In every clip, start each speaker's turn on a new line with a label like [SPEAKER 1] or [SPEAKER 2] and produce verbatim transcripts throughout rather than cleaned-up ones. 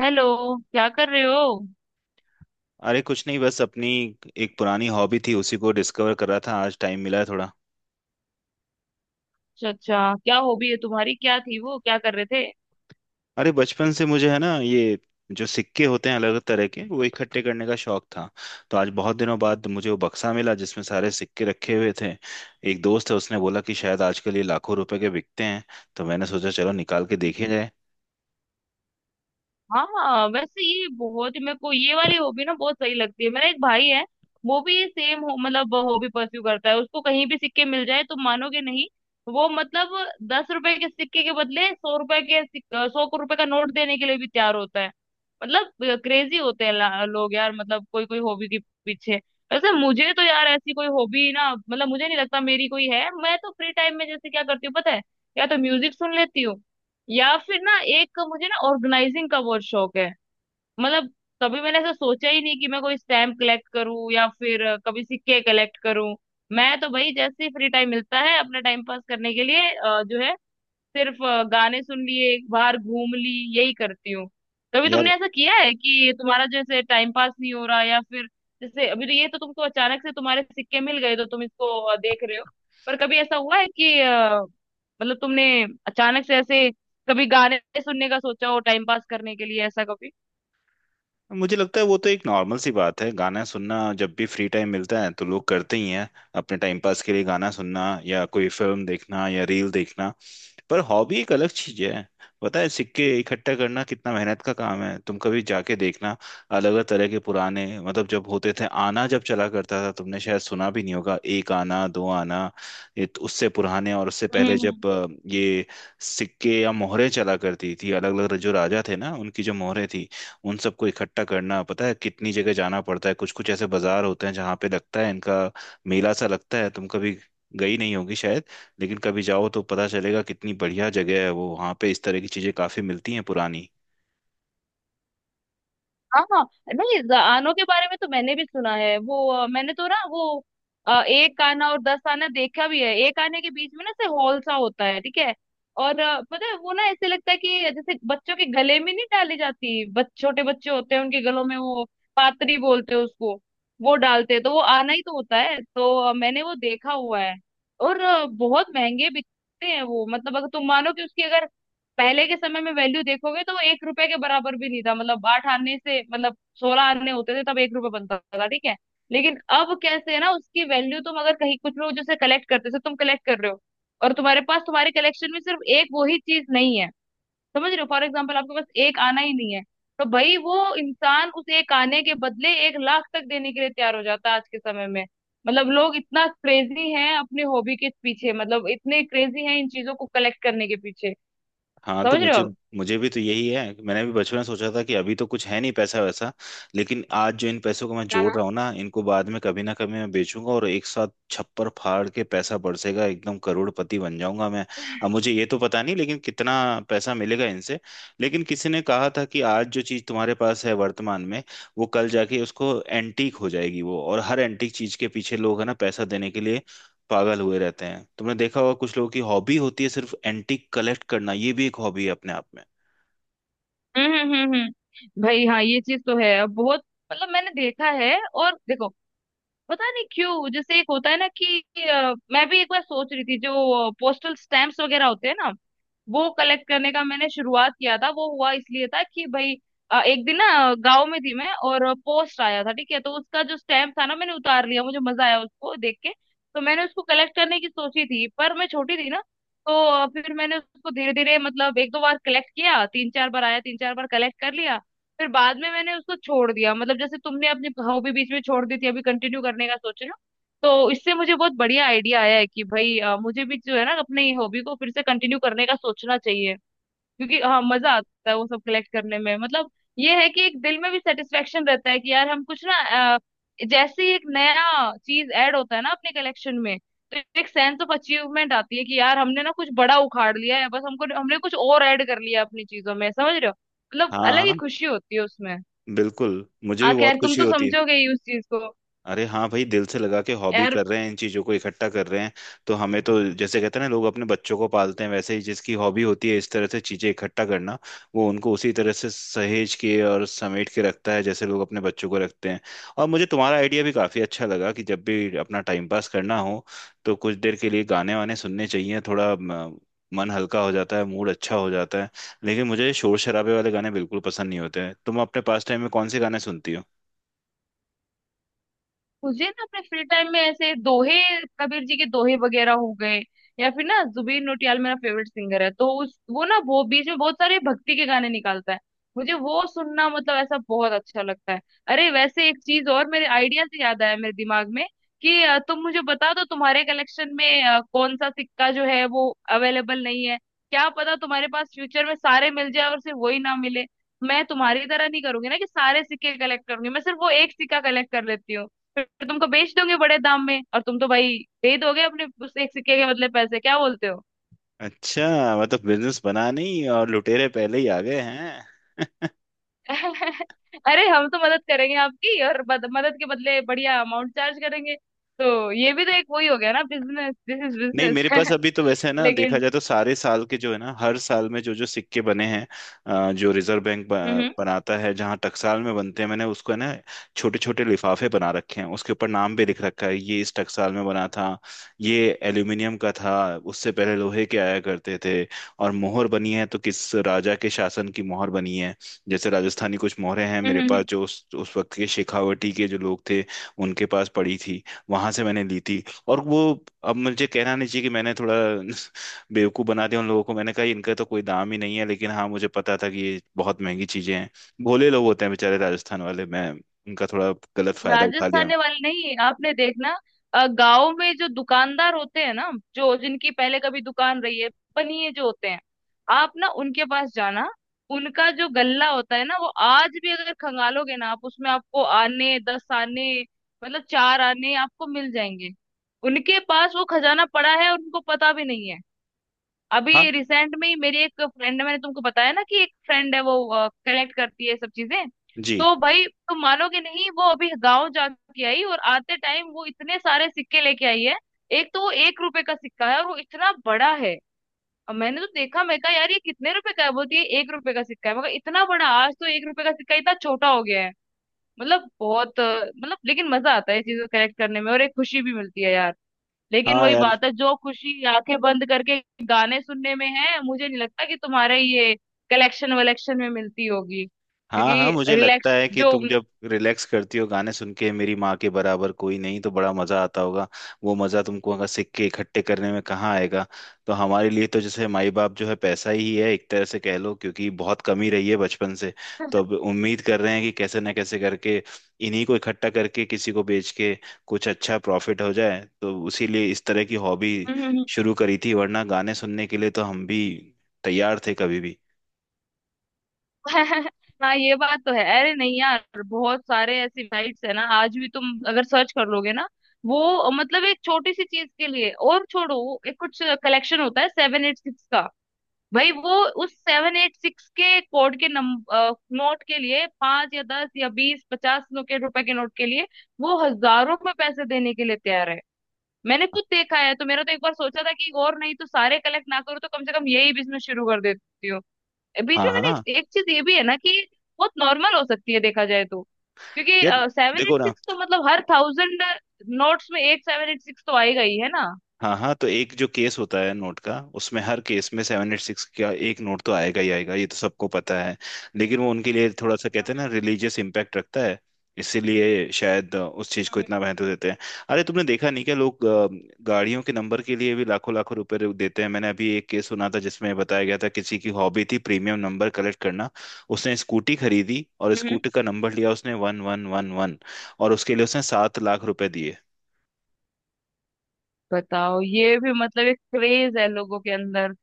[SPEAKER 1] Hello. क्या कर रहे हो?
[SPEAKER 2] अरे कुछ नहीं, बस अपनी एक पुरानी हॉबी थी, उसी को डिस्कवर कर रहा था। आज टाइम मिला है थोड़ा।
[SPEAKER 1] अच्छा, अच्छा, क्या हॉबी है तुम्हारी? क्या थी वो? क्या कर रहे थे?
[SPEAKER 2] अरे बचपन से मुझे है ना, ये जो सिक्के होते हैं अलग अलग तरह के, वो इकट्ठे करने का शौक था। तो आज बहुत दिनों बाद मुझे वो बक्सा मिला जिसमें सारे सिक्के रखे हुए थे। एक दोस्त है, उसने बोला कि शायद आजकल ये लाखों रुपए के बिकते हैं। तो मैंने सोचा चलो निकाल के देखे जाए।
[SPEAKER 1] हाँ, वैसे ये बहुत, मेरे को ये वाली हॉबी ना बहुत सही लगती है। मेरा एक भाई है, वो भी ये सेम, हो मतलब हॉबी परस्यू करता है, उसको कहीं भी सिक्के मिल जाए तो मानोगे नहीं। वो मतलब दस रुपए के सिक्के के बदले सौ रुपए के सिक- सौ को रुपए का नोट देने के लिए भी तैयार होता है। मतलब क्रेजी होते हैं ला- लोग यार, मतलब कोई कोई हॉबी के पीछे। वैसे मुझे तो यार ऐसी कोई हॉबी ना, मतलब मुझे नहीं लगता मेरी कोई है। मैं तो फ्री टाइम में जैसे क्या करती हूँ, पता है? या तो म्यूजिक सुन लेती हूँ, या फिर ना एक मुझे ना ऑर्गेनाइजिंग का बहुत शौक है, मतलब। कभी मैंने ऐसा सोचा ही नहीं कि मैं कोई स्टैम्प कलेक्ट करूं या फिर अ, कभी सिक्के कलेक्ट करूं। मैं तो भाई जैसे ही फ्री टाइम मिलता है अपना टाइम पास करने के लिए, अ, जो है, सिर्फ अ, गाने सुन लिए, बाहर घूम ली, यही करती हूँ। कभी
[SPEAKER 2] यार,
[SPEAKER 1] तुमने ऐसा किया है कि तुम्हारा जैसे टाइम पास नहीं हो रहा, या फिर? जैसे अभी तो ये तो तुमको अचानक से तुम्हारे सिक्के मिल गए तो तुम इसको अ, देख रहे हो। पर कभी ऐसा हुआ है कि, अ, मतलब तुमने अचानक से ऐसे कभी गाने सुनने का सोचा हो टाइम पास करने के लिए, ऐसा कभी?
[SPEAKER 2] मुझे लगता है वो तो एक नॉर्मल सी बात है, गाना सुनना। जब भी फ्री टाइम मिलता है तो लोग करते ही हैं अपने टाइम पास के लिए, गाना सुनना या कोई फिल्म देखना या रील देखना। पर हॉबी एक अलग चीज है। पता है सिक्के इकट्ठा करना कितना मेहनत का काम है, तुम कभी जाके देखना। अलग अलग तरह के पुराने, मतलब जब होते थे आना, जब चला करता था, तुमने शायद सुना भी नहीं होगा, एक आना दो आना। ये तो उससे पुराने, और उससे पहले
[SPEAKER 1] हम्म।
[SPEAKER 2] जब अ, ये सिक्के या मोहरे चला करती थी, अलग अलग जो राजा थे ना उनकी जो मोहरे थी, उन सबको इकट्ठा करना। पता है कितनी जगह जाना पड़ता है, कुछ कुछ ऐसे बाजार होते हैं जहाँ पे लगता है इनका, मेला सा लगता है। तुम कभी गई नहीं होगी शायद, लेकिन कभी जाओ तो पता चलेगा कितनी बढ़िया जगह है वो, वहाँ पे इस तरह की चीजें काफी मिलती हैं पुरानी।
[SPEAKER 1] हाँ, हाँ। नहीं, जआनों के बारे में तो मैंने भी सुना है, वो अ, मैंने तो ना वो अ, एक आना और दस आना देखा भी है। एक आने के बीच में ना से हॉल सा होता है, ठीक है। और अ, पता है, वो ना ऐसे लगता है कि जैसे बच्चों के गले में नहीं डाली जाती, बच, छोटे बच्चे होते हैं उनके गलों में वो, पातरी बोलते हैं उसको, वो डालते हैं तो वो आना ही तो होता है, तो अ, मैंने वो देखा हुआ है। और अ, बहुत महंगे बिकते हैं वो, मतलब अगर तुम मानो कि उसकी अगर पहले के समय में वैल्यू देखोगे तो वो एक रुपए के बराबर भी नहीं था, मतलब आठ आने से मतलब सोलह आने होते थे तब एक रुपए बनता था, ठीक है। लेकिन अब कैसे है ना उसकी वैल्यू, तुम अगर कहीं कुछ लोग जैसे कलेक्ट करते, जैसे तुम कलेक्ट कर रहे हो, और तुम्हारे पास, तुम्हारे कलेक्शन में सिर्फ एक वो ही चीज नहीं है। समझ रहे हो? फॉर एग्जाम्पल, आपके पास एक आना ही नहीं है, तो भाई वो इंसान उस एक आने के बदले एक लाख तक देने के लिए तैयार हो जाता है आज के समय में। मतलब लोग इतना क्रेजी हैं अपनी हॉबी के पीछे, मतलब इतने क्रेजी हैं इन चीजों को कलेक्ट करने के पीछे,
[SPEAKER 2] हाँ, तो
[SPEAKER 1] समझ रहे
[SPEAKER 2] मुझे
[SPEAKER 1] हो?
[SPEAKER 2] मुझे भी तो यही है कि मैंने भी बचपन में सोचा था कि अभी तो कुछ है नहीं, पैसा वैसा, लेकिन आज जो इन पैसों को मैं
[SPEAKER 1] हाँ,
[SPEAKER 2] जोड़
[SPEAKER 1] हाँ।
[SPEAKER 2] रहा हूँ ना, इनको बाद में कभी ना कभी मैं बेचूंगा और एक साथ छप्पर फाड़ के पैसा बरसेगा, एकदम करोड़पति बन जाऊंगा मैं। अब मुझे ये तो पता नहीं लेकिन कितना पैसा मिलेगा इनसे, लेकिन किसी ने कहा था कि आज जो चीज तुम्हारे पास है वर्तमान में, वो कल जाके उसको एंटीक हो जाएगी वो। और हर एंटीक चीज के पीछे लोग है ना पैसा देने के लिए पागल हुए रहते हैं। तुमने देखा होगा कुछ लोगों की हॉबी होती है सिर्फ एंटीक कलेक्ट करना, ये भी एक हॉबी है अपने आप में।
[SPEAKER 1] हम्म, हम्म, हम्म, हम्म। भाई हाँ, ये चीज तो है अब बहुत, मतलब मैंने देखा है, और देखो, पता नहीं क्यों, जैसे एक होता है ना कि अ, मैं भी एक बार सोच रही थी, जो पोस्टल स्टैम्प्स वगैरह होते हैं ना, वो कलेक्ट करने का मैंने शुरुआत किया था। वो हुआ इसलिए था कि भाई अ, एक दिन ना गांव में थी मैं और पोस्ट आया था, ठीक है, तो उसका जो स्टैम्प था ना मैंने उतार लिया, मुझे मजा आया उसको देख के। तो मैंने उसको कलेक्ट करने की सोची थी, पर मैं छोटी थी ना। तो अ, फिर मैंने उसको धीरे धीरे मतलब एक दो बार कलेक्ट किया, तीन चार बार आया, तीन चार बार कलेक्ट कर लिया। फिर बाद में मैंने उसको छोड़ दिया, मतलब जैसे तुमने अपनी हॉबी बीच में छोड़ दी थी, अभी कंटिन्यू करने का सोच रहे हो। तो इससे मुझे बहुत बढ़िया आइडिया आया है कि भाई अ, मुझे भी जो है ना, अपनी हॉबी को फिर से कंटिन्यू करने का सोचना चाहिए। क्योंकि हाँ, मजा आता है वो सब कलेक्ट करने में, मतलब ये है कि एक दिल में भी सेटिस्फेक्शन रहता है कि यार हम कुछ ना, अ, जैसे ही एक नया चीज ऐड होता है ना अपने कलेक्शन में, तो एक सेंस ऑफ अचीवमेंट आती है कि यार हमने ना कुछ बड़ा उखाड़ लिया है, बस हमको, हमने कुछ और ऐड कर लिया अपनी चीजों में, समझ रहे हो? मतलब
[SPEAKER 2] हाँ
[SPEAKER 1] अलग ही
[SPEAKER 2] हाँ,
[SPEAKER 1] खुशी होती है उसमें।
[SPEAKER 2] बिल्कुल, मुझे
[SPEAKER 1] आ
[SPEAKER 2] भी बहुत
[SPEAKER 1] खैर तुम
[SPEAKER 2] खुशी
[SPEAKER 1] तो
[SPEAKER 2] होती है।
[SPEAKER 1] समझोगे ही उस चीज को।
[SPEAKER 2] अरे हाँ भाई, दिल से लगा के हॉबी
[SPEAKER 1] यार,
[SPEAKER 2] कर रहे हैं, इन चीजों को इकट्ठा कर रहे हैं। तो हमें तो जैसे कहते हैं ना लोग अपने बच्चों को पालते हैं, वैसे ही जिसकी हॉबी होती है इस तरह से चीजें इकट्ठा करना, वो उनको उसी तरह से सहेज के और समेट के रखता है जैसे लोग अपने बच्चों को रखते हैं। और मुझे तुम्हारा आइडिया भी काफी अच्छा लगा कि जब भी अपना टाइम पास करना हो तो कुछ देर के लिए गाने वाने सुनने चाहिए, थोड़ा म, मन हल्का हो जाता है, मूड अच्छा हो जाता है। लेकिन मुझे शोर शराबे वाले गाने बिल्कुल पसंद नहीं होते हैं। तुम अपने पास टाइम में कौन से गाने सुनती हो?
[SPEAKER 1] मुझे ना अपने फ्री टाइम में ऐसे दोहे, कबीर जी के दोहे वगैरह हो गए, या फिर ना जुबीन नौटियाल मेरा फेवरेट सिंगर है, तो उस, वो ना, वो बीच में बहुत सारे भक्ति के गाने निकालता है, मुझे वो सुनना मतलब ऐसा बहुत अच्छा लगता है। अरे वैसे एक चीज और मेरे आइडिया से याद आया मेरे दिमाग में कि अ, तुम मुझे बता दो तुम्हारे कलेक्शन में अ, कौन सा सिक्का जो है वो अवेलेबल नहीं है। क्या पता तुम्हारे पास फ्यूचर में सारे मिल जाए और सिर्फ वही ना मिले। मैं तुम्हारी तरह नहीं करूंगी ना कि सारे सिक्के कलेक्ट करूंगी, मैं सिर्फ वो एक सिक्का कलेक्ट कर लेती हूँ, फिर तुमको बेच दोगे बड़े दाम में, और तुम तो भाई दे दोगे अपने उस एक सिक्के के बदले पैसे, क्या बोलते हो?
[SPEAKER 2] अच्छा, मतलब बिजनेस बना नहीं और लुटेरे पहले ही आ गए हैं।
[SPEAKER 1] अरे हम तो मदद करेंगे आपकी, और बद, मदद के बदले बढ़िया अमाउंट चार्ज करेंगे, तो ये भी तो एक वही हो गया ना, बिजनेस, दिस इज
[SPEAKER 2] नहीं, मेरे पास
[SPEAKER 1] बिजनेस।
[SPEAKER 2] अभी तो वैसे है ना, देखा
[SPEAKER 1] लेकिन।
[SPEAKER 2] जाए तो सारे साल के जो है ना, हर साल में जो जो सिक्के बने हैं अ, जो रिजर्व बैंक
[SPEAKER 1] हम्म,
[SPEAKER 2] ब-
[SPEAKER 1] हम्म,
[SPEAKER 2] बनाता है, जहाँ टकसाल में बनते हैं, मैंने उसको है ना छोटे छोटे लिफाफे बना रखे हैं, उसके ऊपर नाम भी लिख रखा है ये इस टकसाल में बना था, ये एल्यूमिनियम का था, उससे पहले लोहे के आया करते थे। और मोहर बनी है तो किस राजा के शासन की मोहर बनी है। जैसे राजस्थानी कुछ मोहरें हैं
[SPEAKER 1] हम्म,
[SPEAKER 2] मेरे पास,
[SPEAKER 1] हम्म।
[SPEAKER 2] जो उस, उस वक्त के शेखावटी के जो लोग थे, उनके पास पड़ी थी, वहां से मैंने ली थी। और वो, अब मुझे कहना नहीं चाहिए कि मैंने थोड़ा बेवकूफ़ बना दिया उन लोगों को। मैंने कहा इनका तो कोई दाम ही नहीं है, लेकिन हाँ मुझे पता था कि ये बहुत महंगी चीजें हैं। भोले लोग होते हैं बेचारे राजस्थान वाले, मैं उनका थोड़ा गलत फायदा उठा लिया।
[SPEAKER 1] राजस्थानी वाले नहीं, आपने देखना, अ, गाँव में जो दुकानदार होते हैं ना, जो जिनकी पहले कभी दुकान रही है, बनिए जो होते हैं, आप ना उनके पास जाना, उनका जो गल्ला होता है ना वो आज भी अगर खंगालोगे ना, आप उसमें आपको आने, दस आने मतलब चार आने आपको मिल जाएंगे। उनके पास वो खजाना पड़ा है और उनको पता भी नहीं है।
[SPEAKER 2] हाँ।
[SPEAKER 1] अभी रिसेंट में ही मेरी एक फ्रेंड है, मैंने तुमको बताया ना कि एक फ्रेंड है, वो कलेक्ट करती है ये सब चीजें,
[SPEAKER 2] जी।
[SPEAKER 1] तो भाई तुम मानोगे नहीं, वो अभी गांव जाके आई, और आते टाइम वो इतने सारे सिक्के लेके आई है। एक तो वो एक रुपए का सिक्का है और वो इतना बड़ा है, और मैंने तो देखा, मैं कहा यार ये कितने रुपए का है, बोलती है एक रुपए का सिक्का है, मगर इतना बड़ा, आज तो एक रुपए का सिक्का इतना छोटा हो गया है। मतलब बहुत, अ, मतलब लेकिन मजा आता है ये चीजें कलेक्ट करने में और एक खुशी भी मिलती है यार। लेकिन
[SPEAKER 2] हाँ।
[SPEAKER 1] वही
[SPEAKER 2] यार,
[SPEAKER 1] बात है, जो खुशी आंखें बंद करके गाने सुनने में है, मुझे नहीं लगता कि तुम्हारे ये कलेक्शन वलेक्शन में मिलती होगी,
[SPEAKER 2] हाँ हाँ, मुझे
[SPEAKER 1] क्योंकि
[SPEAKER 2] लगता
[SPEAKER 1] रिलैक्स
[SPEAKER 2] है कि
[SPEAKER 1] जो।
[SPEAKER 2] तुम जब रिलैक्स करती हो गाने सुन के, मेरी माँ के बराबर कोई नहीं, तो बड़ा मजा आता होगा। वो मजा तुमको अगर सिक्के इकट्ठे करने में कहाँ आएगा। तो हमारे लिए तो जैसे माई बाप जो है पैसा ही है एक तरह से, कह लो क्योंकि बहुत कमी रही है बचपन से। तो अब उम्मीद कर रहे हैं कि कैसे ना कैसे करके इन्हीं को इकट्ठा करके किसी को बेच के कुछ अच्छा प्रॉफिट हो जाए, तो उसी लिए इस तरह की हॉबी शुरू करी थी। वरना गाने सुनने के लिए तो हम भी तैयार थे कभी भी।
[SPEAKER 1] हाँ, ये बात तो है। अरे नहीं यार, बहुत सारे ऐसी साइट्स है ना, आज भी तुम अगर सर्च कर लोगे ना, वो मतलब एक छोटी सी चीज के लिए, और छोड़ो, वो एक कुछ कलेक्शन होता है सेवन एट सिक्स का, भाई वो उस सेवन एट सिक्स के कोड के नम नोट के लिए, पांच या दस या बीस पचास नो के रुपए के नोट के लिए वो हजारों में पैसे देने के लिए तैयार है, मैंने खुद देखा है। तो मेरा तो एक बार सोचा था कि और नहीं तो सारे कलेक्ट ना करूँ, तो कम से कम यही बिजनेस शुरू कर देती हूँ। बीच
[SPEAKER 2] हाँ
[SPEAKER 1] में
[SPEAKER 2] हाँ
[SPEAKER 1] मैंने,
[SPEAKER 2] हाँ।
[SPEAKER 1] एक, एक चीज ये भी है ना कि बहुत नॉर्मल हो सकती है देखा जाए तो, क्योंकि
[SPEAKER 2] यार,
[SPEAKER 1] सेवन एट
[SPEAKER 2] देखो ना।
[SPEAKER 1] सिक्स तो मतलब हर थाउजेंड नोट्स में एक सेवन एट सिक्स तो आएगा ही है ना।
[SPEAKER 2] हाँ हाँ, तो एक जो केस होता है नोट का, उसमें हर केस में सेवन एट सिक्स का एक नोट तो आएगा ही आएगा, ये तो सबको पता है। लेकिन वो उनके लिए थोड़ा सा कहते हैं ना
[SPEAKER 1] हम्म,
[SPEAKER 2] रिलीजियस इम्पैक्ट रखता है, इसीलिए शायद उस चीज को इतना महत्व देते हैं। अरे तुमने देखा नहीं क्या, लोग अ, गाड़ियों के नंबर के लिए भी लाखों लाखों रुपए देते हैं। मैंने अभी एक केस सुना था जिसमें बताया गया था किसी की हॉबी थी प्रीमियम नंबर कलेक्ट करना। उसने स्कूटी खरीदी और
[SPEAKER 1] हम्म।
[SPEAKER 2] स्कूटी का नंबर लिया उसने वन वन वन वन, और उसके लिए उसने सात लाख रुपए दिए।
[SPEAKER 1] बताओ, ये भी मतलब एक क्रेज है लोगों के अंदर।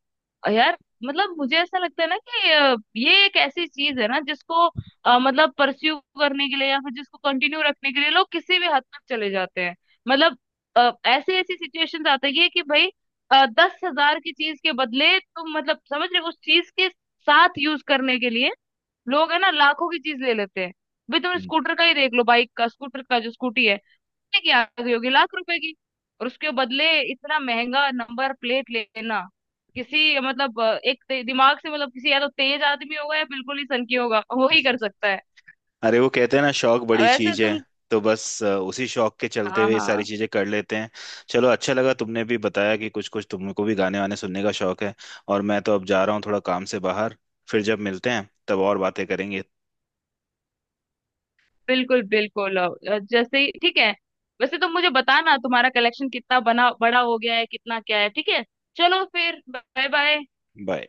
[SPEAKER 1] अ यार मतलब मुझे ऐसा लगता है ना कि अ, ये एक ऐसी चीज है ना जिसको अ, मतलब परस्यू करने के लिए या फिर जिसको कंटिन्यू रखने के लिए लोग किसी भी हद तक चले जाते हैं। मतलब अ, ऐसी ऐसी सिचुएशंस आती है कि भाई दस हजार की चीज के बदले तुम, मतलब समझ रहे हो, उस चीज के साथ यूज करने के लिए लोग है ना लाखों की चीज ले लेते हैं। भाई तुम
[SPEAKER 2] हम्म।
[SPEAKER 1] स्कूटर का ही देख लो, बाइक का, स्कूटर का जो स्कूटी है, की आ गई होगी लाख रुपए की, और उसके बदले इतना महंगा नंबर प्लेट लेना, किसी मतलब अ, एक ते- दिमाग से मतलब, किसी या तो तेज आदमी होगा या बिल्कुल ही सनकी होगा, वो ही कर सकता है।
[SPEAKER 2] अरे वो कहते हैं ना, शौक बड़ी
[SPEAKER 1] वैसे
[SPEAKER 2] चीज है,
[SPEAKER 1] तुम,
[SPEAKER 2] तो बस अ, उसी शौक के चलते
[SPEAKER 1] हाँ,
[SPEAKER 2] हुए ये सारी
[SPEAKER 1] हाँ,
[SPEAKER 2] चीजें कर लेते हैं। चलो अच्छा लगा तुमने भी बताया कि कुछ कुछ तुमको भी गाने वाने सुनने का शौक है। और मैं तो अब जा रहा हूँ थोड़ा काम से बाहर, फिर जब मिलते हैं तब और बातें करेंगे।
[SPEAKER 1] बिल्कुल, बिल्कुल, अ, अ, जैसे ही ठीक है। वैसे तुम मुझे बताना तुम्हारा कलेक्शन कितना बना, बड़ा हो गया है, कितना क्या है, ठीक है। चलो फिर। Bye, bye.
[SPEAKER 2] बाय।